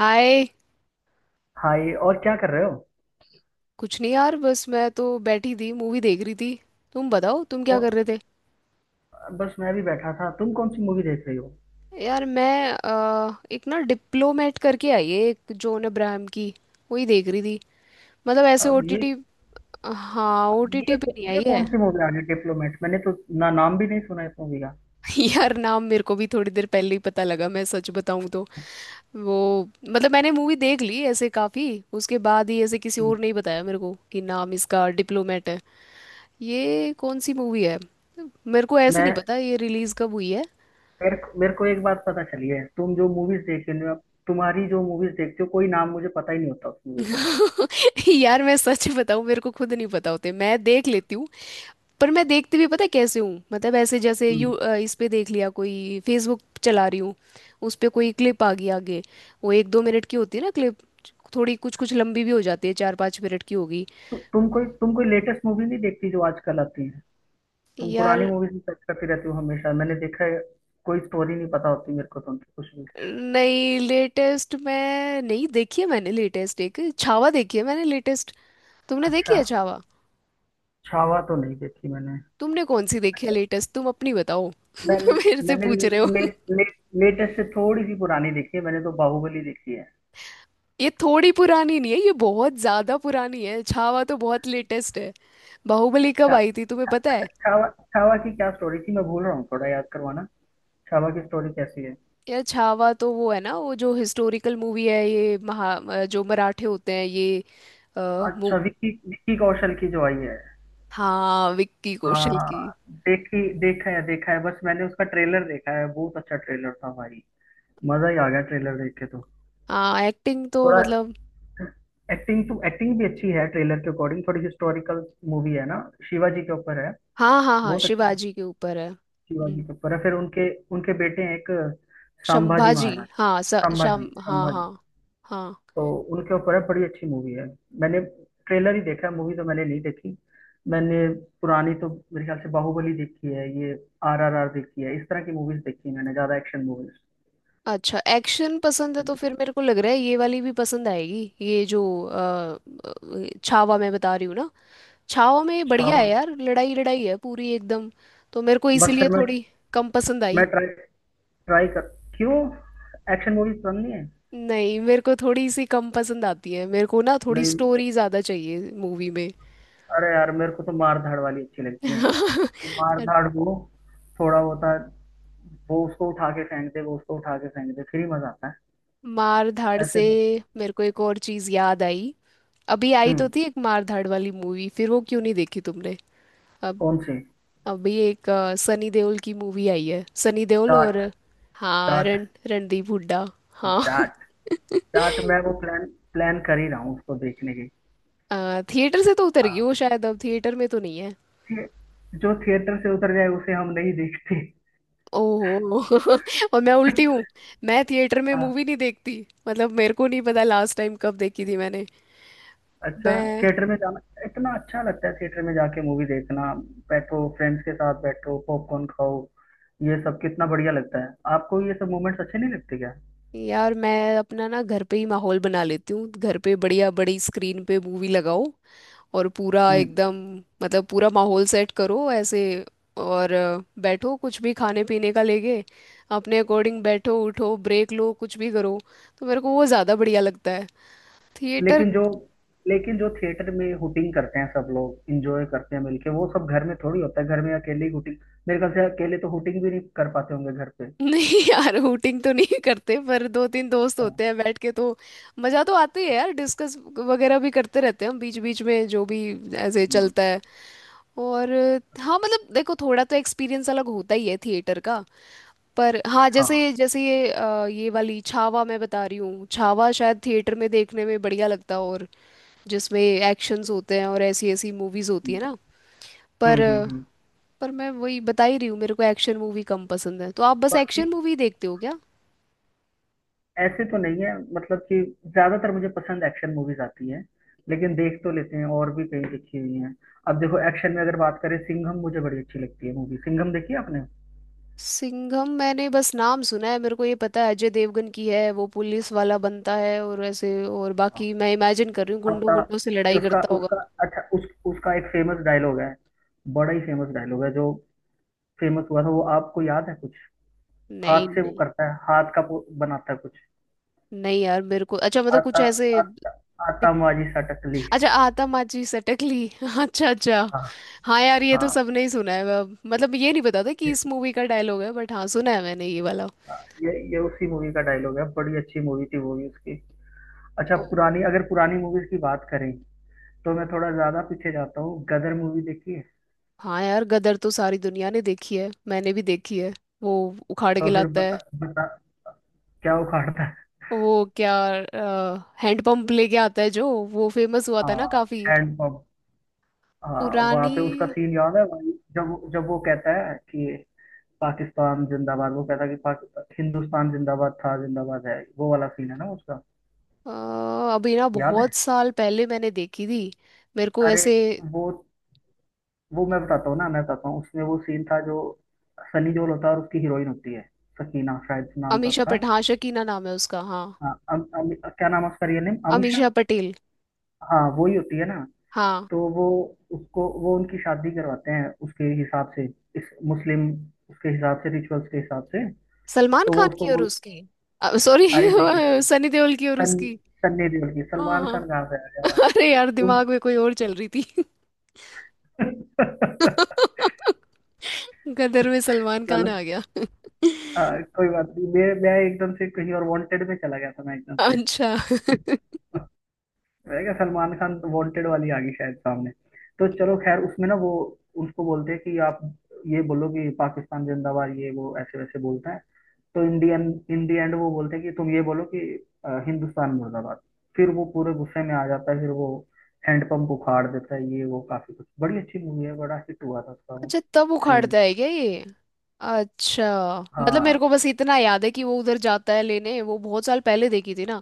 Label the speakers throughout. Speaker 1: हाय।
Speaker 2: हाँ, ये और क्या कर रहे हो।
Speaker 1: कुछ नहीं यार, बस मैं तो बैठी थी, मूवी देख रही थी। तुम बताओ तुम क्या
Speaker 2: कौ-
Speaker 1: कर रहे
Speaker 2: बस मैं भी बैठा था। तुम कौन सी मूवी देख रही हो।
Speaker 1: थे। यार मैं एक ना डिप्लोमेट करके आई है एक जॉन अब्राहम की, वही देख रही थी। मतलब ऐसे
Speaker 2: अब ये
Speaker 1: ओटीटी। हाँ,
Speaker 2: अब
Speaker 1: ओटीटी पे नहीं आई
Speaker 2: ये
Speaker 1: है।
Speaker 2: कौन सी मूवी आ गई डिप्लोमेट, मैंने तो ना नाम भी नहीं सुना इस मूवी का।
Speaker 1: यार नाम मेरे को भी थोड़ी देर पहले ही पता लगा, मैं सच बताऊं तो। वो, मतलब मैंने मूवी देख ली ऐसे काफी, उसके बाद ही ऐसे किसी
Speaker 2: हम्म।
Speaker 1: और ने ही बताया मेरे को कि नाम इसका डिप्लोमेट है। ये कौन सी मूवी है, मेरे को ऐसे नहीं
Speaker 2: मैं
Speaker 1: पता ये रिलीज कब हुई है।
Speaker 2: मेरे को एक बात पता चली है, तुम जो मूवीज देख रहे हो, तुम्हारी जो मूवीज देखते हो कोई नाम मुझे पता ही नहीं होता उस मूवी का।
Speaker 1: यार मैं सच बताऊं, मेरे को खुद नहीं पता होते, मैं देख लेती हूँ। पर मैं देखती भी पता है कैसे हूँ, मतलब ऐसे जैसे
Speaker 2: हम्म।
Speaker 1: इस पे देख लिया, कोई फेसबुक चला रही हूँ, उस पे कोई क्लिप आ गई आगे। वो एक दो मिनट की होती है ना क्लिप, थोड़ी कुछ कुछ लंबी भी हो जाती है, चार पाँच मिनट की होगी।
Speaker 2: तु, तुम कोई लेटेस्ट मूवी नहीं देखती जो आजकल आती है। तुम पुरानी
Speaker 1: यार
Speaker 2: मूवीज में सर्च करती रहती हो हमेशा, मैंने देखा है। कोई स्टोरी नहीं पता होती मेरे को तुमकी कुछ भी।
Speaker 1: नहीं, लेटेस्ट मैं नहीं देखी है, मैंने लेटेस्ट एक छावा देखी है मैंने लेटेस्ट। तुमने देखी
Speaker 2: अच्छा,
Speaker 1: है छावा।
Speaker 2: छावा तो नहीं देखी मैंने।
Speaker 1: तुमने कौन सी देखी है लेटेस्ट, तुम अपनी बताओ,
Speaker 2: मैंने
Speaker 1: मेरे से
Speaker 2: मैंने
Speaker 1: पूछ रहे
Speaker 2: ले,
Speaker 1: हो।
Speaker 2: ले, लेटेस्ट से थोड़ी सी पुरानी देखी है, मैंने तो बाहुबली देखी है।
Speaker 1: ये थोड़ी पुरानी नहीं है, ये बहुत ज्यादा पुरानी है, छावा तो बहुत लेटेस्ट है। बाहुबली कब
Speaker 2: छा,
Speaker 1: आई थी तुम्हें पता है।
Speaker 2: छावा। छावा की क्या स्टोरी थी, मैं भूल रहा हूँ, थोड़ा याद करवाना। छावा की स्टोरी कैसी है।
Speaker 1: यार छावा तो वो है ना, वो जो हिस्टोरिकल मूवी है, ये जो मराठे होते हैं ये। आ, मु,
Speaker 2: अच्छा, विक्की विक्की कौशल की जो आई है।
Speaker 1: हाँ विक्की कौशल की।
Speaker 2: हाँ। देखी देखा है देखा है, बस मैंने उसका ट्रेलर देखा है, बहुत अच्छा ट्रेलर था भाई। मजा ही आ गया ट्रेलर देख के तो।
Speaker 1: हाँ एक्टिंग तो
Speaker 2: थोड़ा
Speaker 1: मतलब।
Speaker 2: एक्टिंग तो एक्टिंग भी अच्छी है ट्रेलर के अकॉर्डिंग, थोड़ी हिस्टोरिकल मूवी है ना, शिवाजी के ऊपर है।
Speaker 1: हाँ हाँ हाँ,
Speaker 2: बहुत अच्छी।
Speaker 1: शिवाजी के ऊपर है।
Speaker 2: शिवाजी कपूर है, फिर उनके उनके बेटे हैं एक, संभाजी
Speaker 1: शंभाजी।
Speaker 2: महाराज।
Speaker 1: हाँ, स,
Speaker 2: संभाजी
Speaker 1: शम हाँ
Speaker 2: संभाजी
Speaker 1: हाँ। हाँ।
Speaker 2: तो उनके ऊपर है, बड़ी अच्छी मूवी है। मैंने ट्रेलर ही देखा है, मूवी तो मैंने नहीं देखी। मैंने पुरानी तो मेरे ख्याल से बाहुबली देखी है, ये आर आर आर देखी है, इस तरह की मूवीज देखी है मैंने, ज्यादा एक्शन मूवीज।
Speaker 1: अच्छा एक्शन पसंद है तो फिर मेरे को लग रहा है ये वाली भी पसंद आएगी, ये जो छावा मैं बता रही हूँ ना, छाओ में बढ़िया
Speaker 2: छावा।
Speaker 1: है यार, लड़ाई लड़ाई है पूरी एकदम। तो मेरे को
Speaker 2: बस फिर
Speaker 1: इसीलिए
Speaker 2: मैं
Speaker 1: थोड़ी कम पसंद
Speaker 2: मैं
Speaker 1: आई।
Speaker 2: ट्राई ट्राई कर क्यों, एक्शन मूवीज पसंद नहीं है।
Speaker 1: नहीं, मेरे को थोड़ी सी कम पसंद आती है, मेरे को ना थोड़ी
Speaker 2: नहीं,
Speaker 1: स्टोरी ज़्यादा चाहिए मूवी में।
Speaker 2: अरे यार मेरे को तो मार धाड़ वाली अच्छी लगती है, कि मार धाड़ को थोड़ा होता है, वो उसको उठा के फेंक दे, वो उसको उठा के फेंक दे, फिर ही मजा आता है
Speaker 1: मार धाड़ से
Speaker 2: ऐसे तो।
Speaker 1: मेरे को एक और चीज़ याद आई। अभी आई तो
Speaker 2: हम्म।
Speaker 1: थी एक मार धाड़ वाली मूवी, फिर वो क्यों नहीं देखी तुमने। अब
Speaker 2: कौन से।
Speaker 1: अभी एक सनी देओल की मूवी आई है, सनी देओल
Speaker 2: चाट।
Speaker 1: और हाँ
Speaker 2: चाट।
Speaker 1: रण रणदीप हुड्डा। हाँ।
Speaker 2: चाट। चाट, मैं वो प्लान प्लान कर ही रहा हूँ उसको देखने की।
Speaker 1: थिएटर से तो उतर गई
Speaker 2: हाँ,
Speaker 1: वो शायद, अब थिएटर में तो नहीं है।
Speaker 2: थे- जो थिएटर से उतर जाए उसे हम नहीं देखते।
Speaker 1: ओहो, और मैं उल्टी हूँ, मैं थिएटर में
Speaker 2: हाँ।
Speaker 1: मूवी नहीं देखती। मतलब मेरे को नहीं पता लास्ट टाइम कब देखी थी मैंने।
Speaker 2: अच्छा,
Speaker 1: मैं,
Speaker 2: थिएटर में जाना इतना अच्छा लगता है, थिएटर में जाके मूवी देखना। बैठो फ्रेंड्स के साथ, बैठो पॉपकॉर्न खाओ, ये सब कितना बढ़िया लगता है। आपको ये सब मोमेंट्स अच्छे नहीं लगते क्या।
Speaker 1: यार मैं अपना ना घर पे ही माहौल बना लेती हूँ, घर पे बढ़िया बड़ी स्क्रीन पे मूवी लगाओ और पूरा
Speaker 2: हम्म।
Speaker 1: एकदम, मतलब पूरा माहौल सेट करो ऐसे। और बैठो कुछ भी खाने पीने का लेके, अपने अकॉर्डिंग बैठो उठो ब्रेक लो कुछ भी करो, तो मेरे को वो ज़्यादा बढ़िया लगता है थिएटर।
Speaker 2: लेकिन जो लेकिन जो थिएटर में हुटिंग करते हैं सब लोग, इंजॉय करते हैं मिलके, वो सब घर में थोड़ी होता है, घर में अकेले ही हुटिंग। मेरे ख्याल से अकेले तो हुटिंग भी नहीं कर पाते होंगे घर पे।
Speaker 1: नहीं यार हूटिंग तो नहीं करते, पर दो तीन दोस्त
Speaker 2: हाँ।
Speaker 1: होते हैं बैठ के तो मजा तो आती है यार। डिस्कस वगैरह भी करते रहते हैं हम बीच बीच में जो भी, ऐसे
Speaker 2: हम्म।
Speaker 1: चलता है। और हाँ, मतलब देखो थोड़ा तो एक्सपीरियंस अलग होता ही है थिएटर का। पर हाँ,
Speaker 2: हाँ।
Speaker 1: जैसे जैसे ये ये वाली छावा मैं बता रही हूँ, छावा शायद थिएटर में देखने में बढ़िया लगता है, और जिसमें एक्शंस होते हैं और ऐसी ऐसी मूवीज होती
Speaker 2: हम्म
Speaker 1: है ना। पर
Speaker 2: हम्म हम्म, हम्म।
Speaker 1: पर मैं वही बता ही रही हूँ, मेरे को एक्शन मूवी कम पसंद है, तो आप बस एक्शन
Speaker 2: बाकी
Speaker 1: मूवी देखते हो क्या।
Speaker 2: ऐसे तो नहीं है मतलब कि, ज्यादातर मुझे पसंद एक्शन मूवीज आती है, लेकिन देख तो लेते हैं और भी कई देखी हुई हैं। अब देखो एक्शन में अगर बात करें, सिंघम मुझे बड़ी अच्छी लगती है मूवी। सिंघम देखी है आपने।
Speaker 1: सिंघम मैंने बस नाम सुना है, मेरे को ये पता है अजय देवगन की है, वो पुलिस वाला बनता है और ऐसे, और
Speaker 2: हाँ।
Speaker 1: बाकी मैं इमेजिन कर रही हूँ गुंडों
Speaker 2: आपका
Speaker 1: गुंडों से लड़ाई
Speaker 2: उसका
Speaker 1: करता होगा।
Speaker 2: उसका अच्छा उस उसका एक फेमस डायलॉग है, बड़ा ही फेमस डायलॉग है जो फेमस हुआ था, वो आपको याद है कुछ।
Speaker 1: नहीं
Speaker 2: हाथ से वो
Speaker 1: नहीं।
Speaker 2: करता है, हाथ का वो बनाता है कुछ।
Speaker 1: नहीं यार मेरे को अच्छा मतलब कुछ
Speaker 2: आता
Speaker 1: ऐसे
Speaker 2: आता आता
Speaker 1: दिख-
Speaker 2: माजी सटकली।
Speaker 1: अच्छा आतमाची सटकली। अच्छा अच्छा,
Speaker 2: हाँ।
Speaker 1: हाँ यार ये
Speaker 2: हाँ,
Speaker 1: तो सबने ही सुना है, अब मतलब ये नहीं पता था कि
Speaker 2: ये
Speaker 1: इस मूवी का डायलॉग है, बट हाँ सुना है मैंने ये वाला।
Speaker 2: ये उसी मूवी का डायलॉग है, बड़ी अच्छी मूवी थी वो भी उसकी। अच्छा,
Speaker 1: ओ
Speaker 2: पुरानी, अगर पुरानी मूवीज की बात करें, तो मैं थोड़ा ज्यादा पीछे जाता हूँ। गदर मूवी देखी है।
Speaker 1: हाँ, यार गदर तो सारी दुनिया ने देखी है, मैंने भी देखी है। वो उखाड़
Speaker 2: तो
Speaker 1: के
Speaker 2: फिर
Speaker 1: लाता
Speaker 2: बता
Speaker 1: है।
Speaker 2: बता क्या उखाड़ता है।
Speaker 1: वो क्या, हैंडपंप लेके आता है, जो वो फेमस हुआ था ना
Speaker 2: हाँ,
Speaker 1: काफी।
Speaker 2: Hand pump. हाँ, वहाँ
Speaker 1: पुरानी।
Speaker 2: पे उसका सीन याद है भाई, जब जब वो कहता है कि पाकिस्तान जिंदाबाद, वो कहता है कि हिंदुस्तान जिंदाबाद था, जिंदाबाद है, वो वाला सीन है ना उसका।
Speaker 1: अ, अभी ना
Speaker 2: याद है।
Speaker 1: बहुत साल पहले मैंने देखी थी, मेरे को
Speaker 2: अरे,
Speaker 1: ऐसे।
Speaker 2: वो वो मैं बताता हूँ ना, मैं बताता हूँ, उसमें वो सीन था जो सनी देओल होता है और उसकी हीरोइन होती है, सकीना शायद नाम था
Speaker 1: अमीषा
Speaker 2: उसका।
Speaker 1: पटेल, हाँ शकीना नाम है उसका हाँ।
Speaker 2: हाँ, अम, अम, क्या नाम है उसका रियल नेम, अमीशा।
Speaker 1: अमीषा पटेल।
Speaker 2: हाँ, वही होती है ना।
Speaker 1: हाँ।
Speaker 2: तो वो उसको वो उनकी शादी करवाते हैं उसके हिसाब से, इस मुस्लिम, उसके हिसाब से रिचुअल्स के हिसाब से।
Speaker 1: सलमान
Speaker 2: तो वो
Speaker 1: खान
Speaker 2: उसको
Speaker 1: की और
Speaker 2: वो,
Speaker 1: उसकी। सॉरी।
Speaker 2: अरे नहीं,
Speaker 1: सनी देओल की और
Speaker 2: सन्नी
Speaker 1: उसकी।
Speaker 2: सन्नी देओल की।
Speaker 1: हाँ
Speaker 2: सलमान
Speaker 1: हाँ।
Speaker 2: खान कहाँ से आ गया भाई।
Speaker 1: अरे यार
Speaker 2: तुम
Speaker 1: दिमाग में कोई और चल रही थी। गदर में सलमान खान
Speaker 2: चलो,
Speaker 1: आ गया।
Speaker 2: हाँ कोई बात नहीं, मैं एकदम से कहीं और वांटेड में चला गया था, मैं एकदम से।
Speaker 1: अच्छा।
Speaker 2: मैंने कहा सलमान खान वांटेड वाली आ गई शायद सामने। तो चलो खैर, उसमें ना वो उसको बोलते हैं कि, आप ये बोलो कि पाकिस्तान जिंदाबाद, ये वो ऐसे वैसे बोलते हैं। तो इंडियन, इन दी एंड वो बोलते हैं कि, तुम ये बोलो कि हिंदुस्तान मुर्दाबाद। फिर वो पूरे गुस्से में आ जाता है, फिर वो हैंडपंप उखाड़ देता है। ये वो काफी कुछ, बड़ी अच्छी मूवी है, बड़ा हिट हुआ था उसका वो
Speaker 1: अच्छा तब
Speaker 2: सीन।
Speaker 1: उखाड़ता है क्या ये। अच्छा। मतलब मेरे
Speaker 2: हाँ।
Speaker 1: को बस इतना याद है कि वो उधर जाता है लेने, वो बहुत साल पहले देखी थी ना,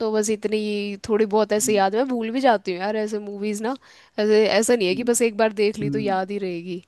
Speaker 1: तो बस इतनी थोड़ी बहुत ऐसे
Speaker 2: हम्म,
Speaker 1: याद है। मैं भूल भी जाती हूँ यार ऐसे मूवीज ना, ऐसे ऐसा नहीं है कि
Speaker 2: हम्म,
Speaker 1: बस एक बार देख ली तो
Speaker 2: हम्म,
Speaker 1: याद ही रहेगी।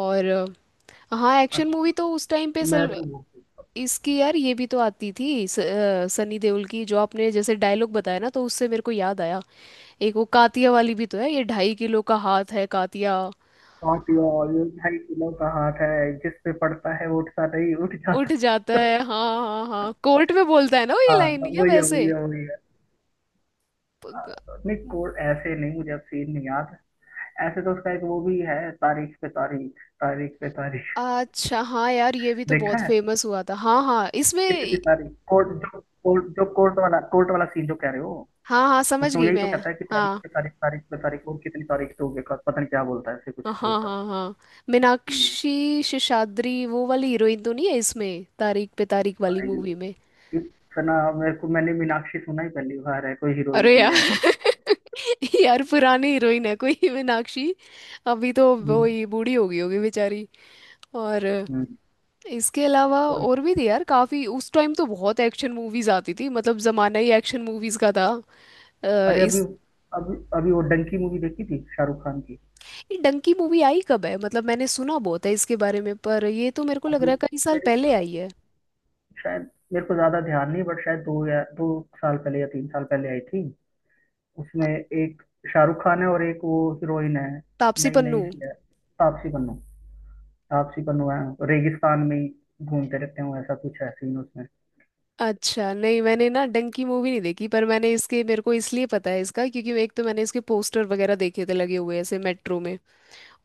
Speaker 1: और हाँ एक्शन
Speaker 2: अच्छा।
Speaker 1: मूवी तो उस टाइम पे
Speaker 2: मैं
Speaker 1: सल
Speaker 2: तो वो
Speaker 1: इसकी यार ये भी तो आती थी सनी देओल की, जो आपने जैसे डायलॉग बताया ना तो उससे मेरे को याद आया, एक वो कातिया वाली भी तो है, ये ढाई किलो का हाथ है कातिया।
Speaker 2: नॉट योर, भाई किलो कहाँ का हाथ है, जिस पे पड़ता है वो उठता नहीं, उठ जाता
Speaker 1: उठ जाता
Speaker 2: है।
Speaker 1: है, हाँ हाँ हाँ, कोर्ट में बोलता है ना वो ये
Speaker 2: हाँ,
Speaker 1: लाइन
Speaker 2: तो
Speaker 1: या
Speaker 2: वही है
Speaker 1: वैसे।
Speaker 2: वही है वही है। हाँ,
Speaker 1: प-
Speaker 2: तो नहीं कोड, ऐसे नहीं, मुझे अब सीन नहीं याद। ऐसे तो उसका एक वो भी है, तारीख पे तारीख, तारीख पे तारीख।
Speaker 1: अच्छा हाँ यार ये भी तो
Speaker 2: देखा
Speaker 1: बहुत
Speaker 2: है।
Speaker 1: फेमस हुआ था, हाँ हाँ
Speaker 2: कितनी
Speaker 1: इसमें।
Speaker 2: तारीख, कोर्ट वाला सीन जो कह रहे हो,
Speaker 1: हाँ हाँ, समझ
Speaker 2: उसमें वो
Speaker 1: गई
Speaker 2: यही तो
Speaker 1: मैं।
Speaker 2: कहता है कि तारीख
Speaker 1: हाँ
Speaker 2: पे तारीख, तारीख पे तारीख, और कितनी तारीख तो होगी, पता नहीं क्या बोलता है, ऐसे
Speaker 1: हाँ
Speaker 2: कुछ बोलता है।
Speaker 1: हाँ हाँ,
Speaker 2: हम्म।
Speaker 1: मीनाक्षी शेषाद्री वो वाली हीरोइन तो नहीं है इसमें तारीख पे तारीख वाली
Speaker 2: भाई
Speaker 1: मूवी में।
Speaker 2: इतना, मेरे को मैंने मीनाक्षी सुना ही पहली बार है, कोई हीरोइन
Speaker 1: अरे
Speaker 2: की
Speaker 1: यार,
Speaker 2: है
Speaker 1: यार पुरानी हीरोइन है कोई मीनाक्षी, अभी तो वो
Speaker 2: ऐसी।
Speaker 1: ही बूढ़ी हो गई होगी बेचारी। और
Speaker 2: हम्म।
Speaker 1: इसके अलावा
Speaker 2: वही।
Speaker 1: और भी थी यार काफी, उस टाइम तो बहुत एक्शन मूवीज आती थी, मतलब जमाना ही एक्शन मूवीज का था। अ,
Speaker 2: अरे अभी
Speaker 1: इस
Speaker 2: अभी अभी वो डंकी मूवी देखी थी शाहरुख खान की।
Speaker 1: ये डंकी मूवी आई कब है, मतलब मैंने सुना बहुत है इसके बारे में, पर ये तो मेरे को लग
Speaker 2: अभी
Speaker 1: रहा है कई साल
Speaker 2: मेरे
Speaker 1: पहले
Speaker 2: ख्याल-
Speaker 1: आई है।
Speaker 2: शायद मेरे को ज्यादा ध्यान नहीं, बट शायद दो साल पहले या तीन साल पहले आई थी। उसमें एक शाहरुख खान है और एक वो हीरोइन है,
Speaker 1: तापसी
Speaker 2: नई नई
Speaker 1: पन्नू।
Speaker 2: सी है, तापसी पन्नू है, रेगिस्तान में ही घूमते रहते हैं, ऐसा कुछ है सीन उसमें।
Speaker 1: अच्छा नहीं, मैंने ना डंकी मूवी नहीं देखी, पर मैंने इसके, मेरे को इसलिए पता है इसका क्योंकि एक तो मैंने इसके पोस्टर वगैरह देखे थे लगे हुए ऐसे मेट्रो में,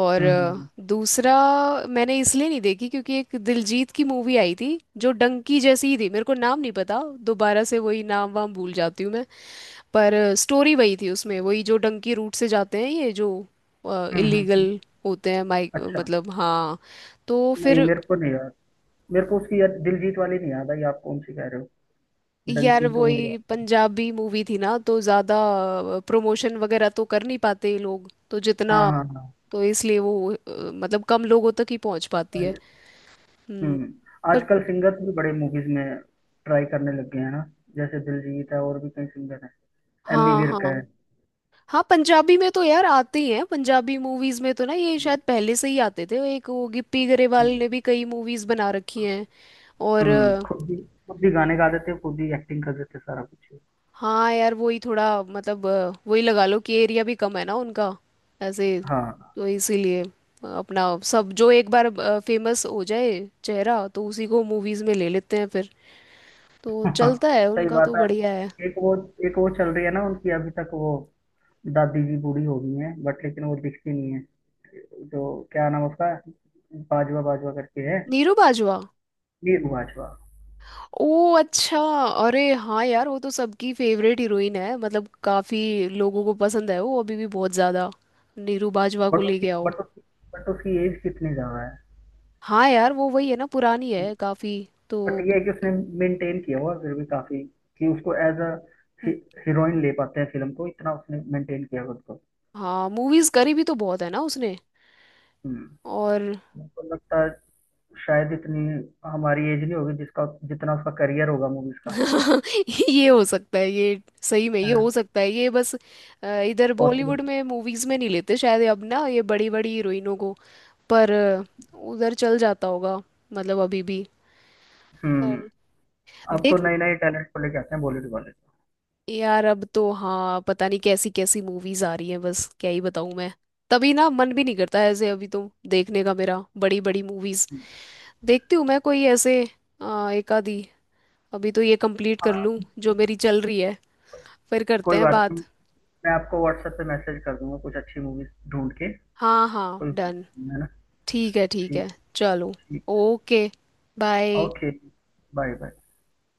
Speaker 1: और
Speaker 2: हम्म हम्म
Speaker 1: दूसरा मैंने इसलिए नहीं देखी क्योंकि एक दिलजीत की मूवी आई थी जो डंकी जैसी ही थी, मेरे को नाम नहीं पता, दोबारा से वही नाम वाम भूल जाती हूँ मैं। पर स्टोरी वही थी उसमें, वही जो डंकी रूट से जाते हैं ये जो
Speaker 2: हम्म।
Speaker 1: इलीगल होते हैं, माइक
Speaker 2: अच्छा
Speaker 1: मतलब, हाँ। तो
Speaker 2: नहीं,
Speaker 1: फिर,
Speaker 2: मेरे को नहीं याद, मेरे को उसकी याद दिलजीत वाली नहीं याद आई, आप कौन सी कह रहे हो।
Speaker 1: यार
Speaker 2: डंकी तो मुझे
Speaker 1: वही
Speaker 2: याद है।
Speaker 1: पंजाबी मूवी थी ना तो ज़्यादा प्रमोशन वगैरह तो कर नहीं पाते ये लोग, तो जितना,
Speaker 2: हाँ, हाँ,
Speaker 1: तो इसलिए वो मतलब कम लोगों तक ही पहुंच पाती है।
Speaker 2: हाँ।
Speaker 1: हम्म।
Speaker 2: हम्म।
Speaker 1: पर
Speaker 2: आजकल सिंगर्स भी बड़े मूवीज में ट्राई करने लग गए हैं ना, जैसे दिलजीत है और भी कई सिंगर हैं, एमी
Speaker 1: हाँ
Speaker 2: विर्क
Speaker 1: हाँ
Speaker 2: है।
Speaker 1: हाँ, पंजाबी में तो यार आते ही हैं, पंजाबी मूवीज में तो ना ये
Speaker 2: हम्म।
Speaker 1: शायद पहले से ही आते थे, एक वो गिप्पी गरेवाल ने भी कई मूवीज बना रखी हैं। और
Speaker 2: हम्म, खुद भी खुद भी गाने गा देते हैं, खुद ही एक्टिंग कर देते हैं सारा कुछ।
Speaker 1: हाँ यार, वही थोड़ा मतलब वही लगा लो कि एरिया भी कम है ना उनका ऐसे,
Speaker 2: हाँ।
Speaker 1: तो इसीलिए अपना सब जो एक बार फेमस हो जाए चेहरा तो उसी को मूवीज में ले लेते हैं फिर, तो
Speaker 2: हाँ,
Speaker 1: चलता है
Speaker 2: सही
Speaker 1: उनका
Speaker 2: बात
Speaker 1: तो
Speaker 2: है।
Speaker 1: बढ़िया है।
Speaker 2: एक वो एक वो चल रही है ना उनकी अभी तक, वो दादी जी बूढ़ी हो गई हैं बट, लेकिन वो दिखती नहीं है जो, क्या नाम उसका, बाजवा बाजवा करके है,
Speaker 1: नीरू बाजवा।
Speaker 2: वीर बाजवा।
Speaker 1: ओ अच्छा, अरे हाँ यार वो तो सबकी फेवरेट हीरोइन है, मतलब काफी लोगों को पसंद है वो अभी भी बहुत ज्यादा, नीरू बाजवा को
Speaker 2: बट उसकी
Speaker 1: लेके आओ।
Speaker 2: बट उसकी बट उसकी एज कितनी ज्यादा
Speaker 1: हाँ यार वो वही है ना, पुरानी
Speaker 2: है।
Speaker 1: है काफी तो।
Speaker 2: बट ये है कि उसने मेंटेन किया हुआ फिर भी काफी, कि उसको एज अ हीरोइन ले पाते हैं फिल्म को, इतना उसने मेंटेन किया खुद को।
Speaker 1: हाँ, मूवीज करी भी तो बहुत है ना उसने।
Speaker 2: हम्म।
Speaker 1: और
Speaker 2: मेरे को लगता है शायद इतनी हमारी एज नहीं होगी जिसका, जितना उसका करियर होगा मूवीज का।
Speaker 1: ये हो सकता है, ये सही में ये हो सकता है, ये बस इधर बॉलीवुड
Speaker 2: पॉसिबल।
Speaker 1: में मूवीज में नहीं लेते शायद अब ना ये बड़ी बड़ी हीरोइनों को। पर उधर चल जाता होगा मतलब अभी भी।
Speaker 2: हम्म।
Speaker 1: पर
Speaker 2: अब तो
Speaker 1: देखना,
Speaker 2: नए नए टैलेंट को लेके आते हैं बॉलीवुड वाले।
Speaker 1: यार अब तो हाँ पता नहीं कैसी कैसी मूवीज आ रही हैं, बस क्या ही बताऊं मैं। तभी ना मन भी नहीं करता ऐसे अभी तो देखने का मेरा, बड़ी बड़ी मूवीज देखती हूँ मैं कोई ऐसे। एक आधी अभी तो ये कंप्लीट कर
Speaker 2: हाँ,
Speaker 1: लूँ जो मेरी चल रही है, फिर करते
Speaker 2: कोई
Speaker 1: हैं
Speaker 2: बात नहीं,
Speaker 1: बात।
Speaker 2: मैं आपको व्हाट्सएप पे मैसेज कर दूंगा कुछ अच्छी मूवीज ढूंढ के।
Speaker 1: हाँ हाँ
Speaker 2: कोई,
Speaker 1: डन।
Speaker 2: है ना।
Speaker 1: ठीक है ठीक
Speaker 2: ठीक।
Speaker 1: है। चलो।
Speaker 2: ठीक।
Speaker 1: Okay. Bye.
Speaker 2: Okay. Bye, bye.